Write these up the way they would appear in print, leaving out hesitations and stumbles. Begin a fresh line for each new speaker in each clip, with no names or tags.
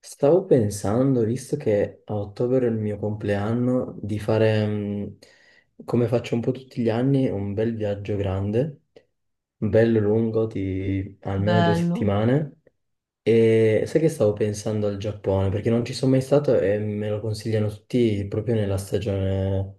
Stavo pensando, visto che a ottobre è il mio compleanno, di fare, come faccio un po' tutti gli anni, un bel viaggio grande, bello lungo, di almeno due
Bello,
settimane. E sai che stavo pensando al Giappone, perché non ci sono mai stato e me lo consigliano tutti proprio nella stagione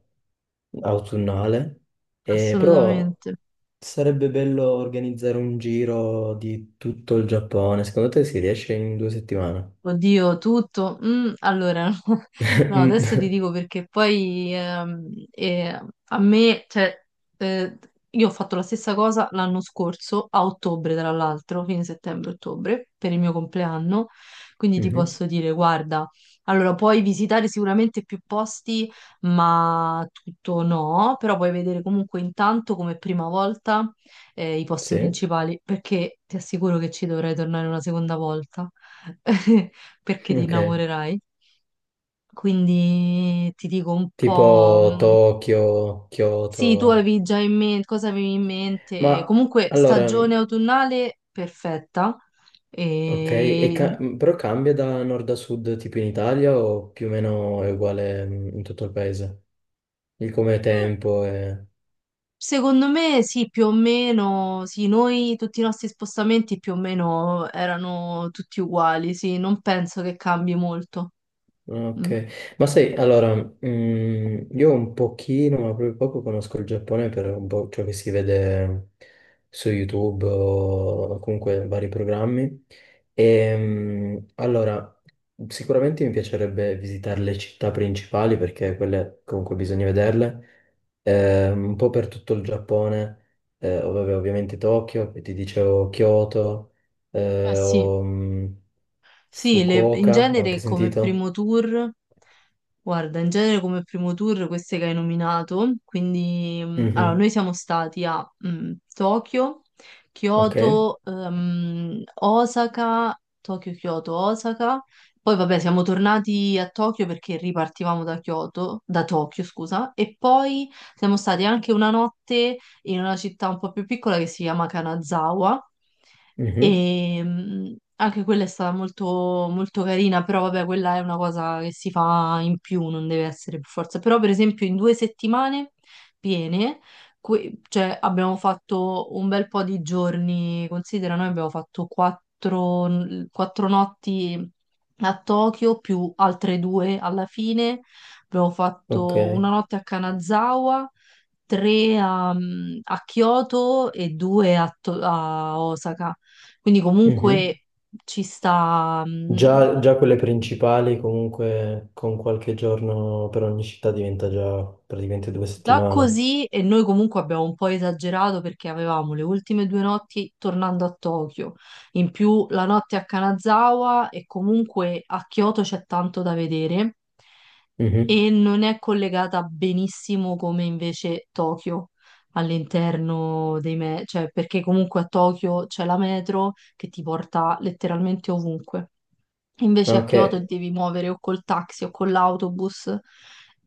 autunnale. E però
assolutamente.
sarebbe bello organizzare un giro di tutto il Giappone. Secondo te si riesce in 2 settimane?
Oddio, tutto. No, adesso ti dico perché poi a me, eh, io ho fatto la stessa cosa l'anno scorso, a ottobre tra l'altro, fine settembre-ottobre, per il mio compleanno, quindi ti
Mhm.
posso dire, guarda, allora puoi visitare sicuramente più posti, ma tutto no, però puoi vedere comunque intanto come prima volta i posti
Sì.
principali, perché ti assicuro che ci dovrei tornare una seconda volta. Perché ti
Ok,
innamorerai. Quindi ti dico un
tipo
po',
Tokyo, Kyoto.
sì, tu avevi già in mente, cosa avevi in mente?
Ma
Comunque,
allora,
stagione autunnale perfetta.
ok,
E... mm,
però cambia da nord a sud tipo in Italia o più o meno è uguale in tutto il paese? Il come tempo e...
Secondo me sì, più o meno, sì, noi tutti i nostri spostamenti più o meno erano tutti uguali, sì, non penso che cambi molto. Mm.
Ok, ma sai, allora, io un pochino, ma proprio poco conosco il Giappone per un po' ciò che si vede su YouTube o comunque vari programmi. E, allora, sicuramente mi piacerebbe visitare le città principali perché quelle comunque bisogna vederle. Un po' per tutto il Giappone, vabbè, ovviamente Tokyo, poi ti dicevo Kyoto,
Eh
eh,
sì.
o, mm,
Sì, in
Fukuoka, ho anche
genere come
sentito.
primo tour, guarda, in genere come primo tour queste che hai nominato, quindi noi
Mhm.
siamo stati a Tokyo,
Ok,
Kyoto, Osaka, Tokyo, Kyoto, Osaka, poi vabbè siamo tornati a Tokyo perché ripartivamo da Kyoto, da Tokyo scusa, e poi siamo stati anche una notte in una città un po' più piccola che si chiama Kanazawa.
mhm,
E anche quella è stata molto, molto carina, però vabbè, quella è una cosa che si fa in più, non deve essere per forza. Però, per esempio, in 2 settimane piene, cioè, abbiamo fatto un bel po' di giorni, considera, noi abbiamo fatto 4, 4 notti a Tokyo, più altre 2 alla fine. Abbiamo
ok,
fatto una notte a Kanazawa, tre a, a Kyoto e due a a Osaka. Quindi
mhm.
comunque ci sta
Già, già quelle principali comunque con qualche giorno per ogni città diventa già praticamente due
già
settimane.
così e noi comunque abbiamo un po' esagerato perché avevamo le ultime 2 notti tornando a Tokyo, in più la notte a Kanazawa e comunque a Kyoto c'è tanto da vedere
Mhm.
e non è collegata benissimo come invece Tokyo all'interno cioè perché comunque a Tokyo c'è la metro che ti porta letteralmente ovunque. Invece a
Ok,
Kyoto devi muovere o col taxi o con l'autobus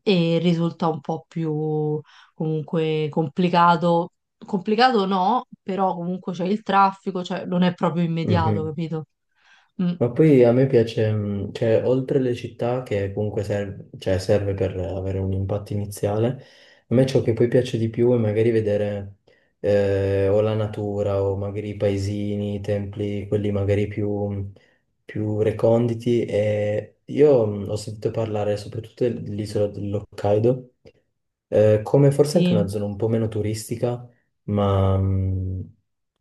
e risulta un po' più comunque complicato. Complicato no, però comunque c'è il traffico, cioè non è proprio immediato,
mhm.
capito? Mm,
Ma poi a me piace, cioè, oltre le città, che comunque serve, cioè, serve per avere un impatto iniziale, a me ciò che poi piace di più è magari vedere o la natura o magari i paesini, i templi, quelli magari più, più reconditi. E io ho sentito parlare soprattutto dell'isola dell'Hokkaido, come forse anche
sì.
una zona un po' meno turistica, ma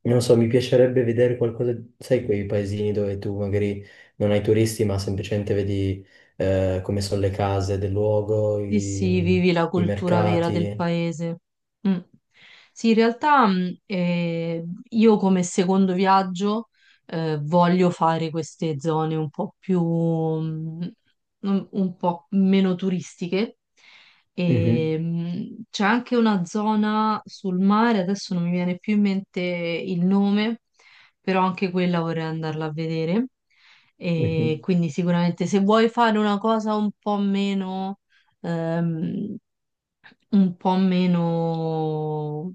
non so, mi piacerebbe vedere qualcosa, sai, quei paesini dove tu magari non hai turisti, ma semplicemente vedi come sono le case del luogo,
Sì,
i,
sì, vivi la
i
cultura vera del
mercati.
paese. Mm. Sì, in realtà io come secondo viaggio voglio fare queste zone un po' più, un po' meno turistiche. E,
Mhm,
c'è anche una zona sul mare, adesso non mi viene più in mente il nome, però anche quella vorrei andarla a vedere. E
mhm.
quindi sicuramente se vuoi fare una cosa Ehm, un po' meno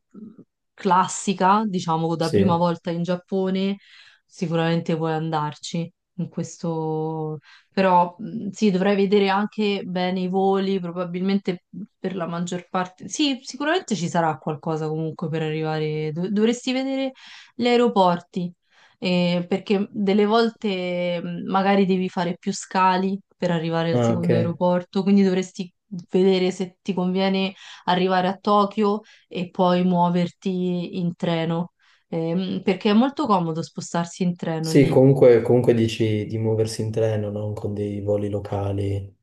classica, diciamo, da prima
Sì,
volta in Giappone, sicuramente puoi andarci. In questo... Però sì, dovrei vedere anche bene i voli, probabilmente per la maggior parte. Sì, sicuramente ci sarà qualcosa comunque per arrivare. Dovresti vedere gli aeroporti, perché delle volte magari devi fare più scali per arrivare al
ah,
secondo
ok.
aeroporto, quindi dovresti vedere se ti conviene arrivare a Tokyo e poi muoverti in treno, perché è molto comodo spostarsi in treno
Sì,
lì.
comunque, comunque dici di muoversi in treno, non con dei voli locali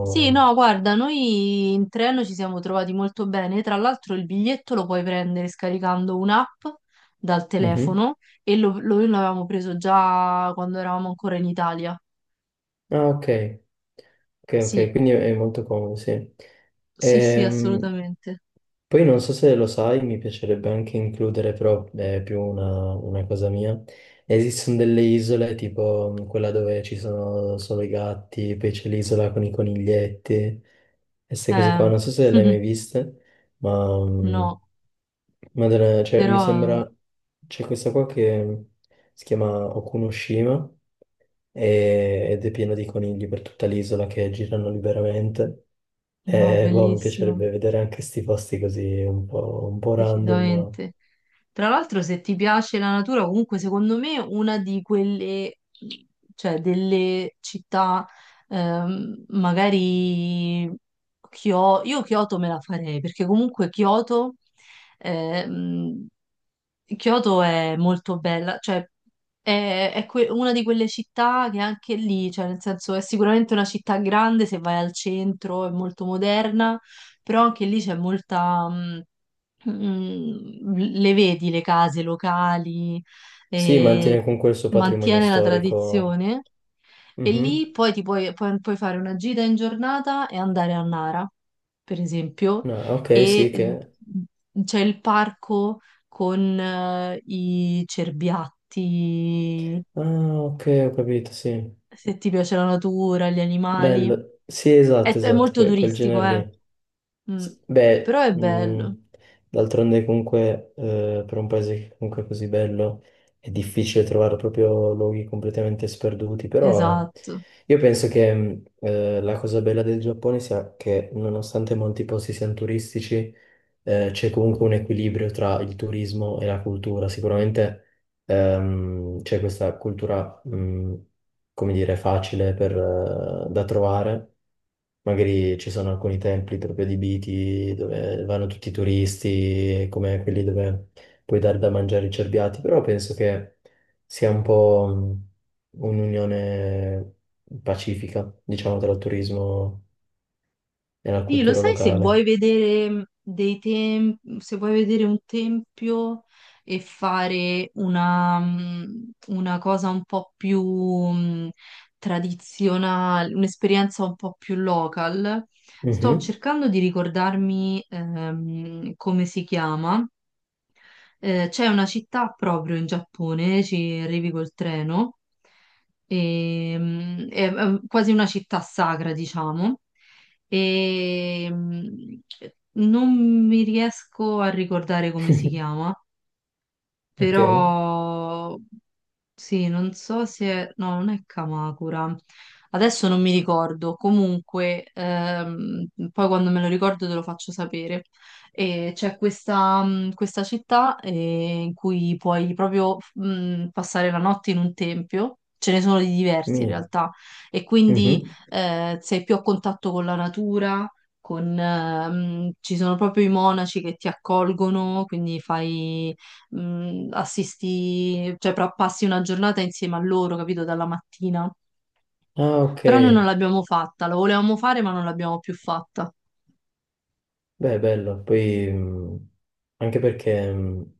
Sì, no, guarda, noi in treno ci siamo trovati molto bene. Tra l'altro il biglietto lo puoi prendere scaricando un'app dal
Mhm.
telefono e noi l'avevamo preso già quando eravamo ancora in Italia.
Ah, ok. Ok, ok,
Sì,
quindi è molto comodo, sì.
sì, sì,
Ehm,
assolutamente.
poi non so se lo sai, mi piacerebbe anche includere, però è più una cosa mia. Esistono delle isole, tipo quella dove ci sono solo i gatti, poi c'è l'isola con i coniglietti, e queste cose qua.
Eh,
Non so se le hai mai viste, ma
no,
madonna, cioè, mi
però
sembra... C'è questa qua che si chiama Okunoshima, ed è pieno di conigli per tutta l'isola che girano liberamente.
no,
E boh, mi
bellissimo.
piacerebbe vedere anche sti posti così un po' random.
Decisamente. Tra l'altro, se ti piace la natura, comunque secondo me una di quelle, cioè delle città, magari io Kyoto me la farei, perché comunque Kyoto, ehm, Kyoto è molto bella, cioè è, una di quelle città che anche lì, cioè nel senso è sicuramente una città grande se vai al centro, è molto moderna, però anche lì c'è molta, mh, le vedi le case locali,
Sì, mantiene
e
comunque il suo patrimonio
mantiene la
storico.
tradizione, e lì
Mhm.
poi ti puoi, puoi fare una gita in giornata e andare a Nara, per esempio,
No, ok, sì,
e
che...
c'è il parco con i cerbiatti,
Ah, ok, ho capito, sì.
se ti piace la natura, gli animali.
Bello. Sì, esatto,
È
esatto,
molto
quel
turistico,
genere
eh.
lì.
Mm.
Sì,
Però
beh,
è bello,
d'altronde comunque per un paese che comunque è così bello è difficile trovare proprio luoghi completamente sperduti, però
esatto.
io penso che la cosa bella del Giappone sia che nonostante molti posti siano turistici, c'è comunque un equilibrio tra il turismo e la cultura. Sicuramente c'è questa cultura, come dire, facile per, da trovare. Magari ci sono alcuni templi proprio adibiti dove vanno tutti i turisti, come quelli dove puoi dare da mangiare i cerbiati, però penso che sia un po' un'unione pacifica, diciamo, tra il turismo e la
Sì, lo
cultura
sai se vuoi
locale.
vedere se vuoi vedere un tempio e fare una, una cosa un po' più tradizionale, un'esperienza un po' più local, sto
Mhm.
cercando di ricordarmi come si chiama. C'è una città proprio in Giappone, ci arrivi col treno, e, è quasi una città sacra, diciamo, e non mi riesco a ricordare come si chiama,
Ok.
però sì, non so se... No, non è Kamakura. Adesso non mi ricordo. Comunque, poi quando me lo ricordo te lo faccio sapere. E c'è questa, questa città in cui puoi proprio passare la notte in un tempio. Ce ne sono di diversi in
Mi.
realtà. E quindi
Mhm.
sei più a contatto con la natura. Con, ci sono proprio i monaci che ti accolgono, quindi fai passi una giornata insieme a loro, capito, dalla mattina.
Ah, ok.
Però noi non l'abbiamo fatta, lo volevamo fare ma non l'abbiamo più fatta.
Beh, bello. Poi, anche perché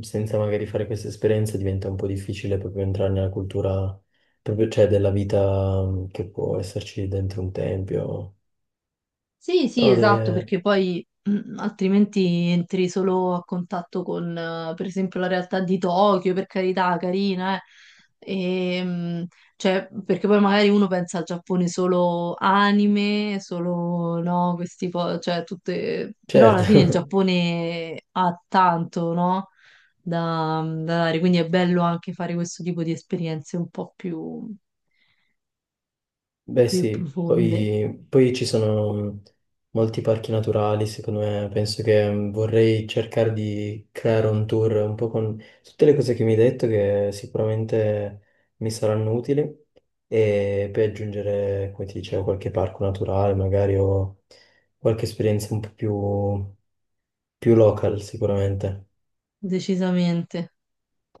senza magari fare queste esperienze diventa un po' difficile proprio entrare nella cultura, proprio, cioè, della vita che può esserci dentro un tempio.
Sì, sì,
No,
esatto,
deve...
perché poi altrimenti entri solo a contatto con, per esempio, la realtà di Tokyo, per carità, carina, eh. E, cioè, perché poi magari uno pensa al Giappone solo anime, solo no, cioè tutte... Però alla fine il
Certo,
Giappone ha tanto, no? Da, da dare, quindi è bello anche fare questo tipo di esperienze un po' più,
Beh
più
sì,
profonde,
poi, poi ci sono molti parchi naturali, secondo me, penso che vorrei cercare di creare un tour un po' con tutte le cose che mi hai detto che sicuramente mi saranno utili e poi aggiungere, come ti dicevo, qualche parco naturale, magari o qualche esperienza un po' più, più local sicuramente.
decisamente.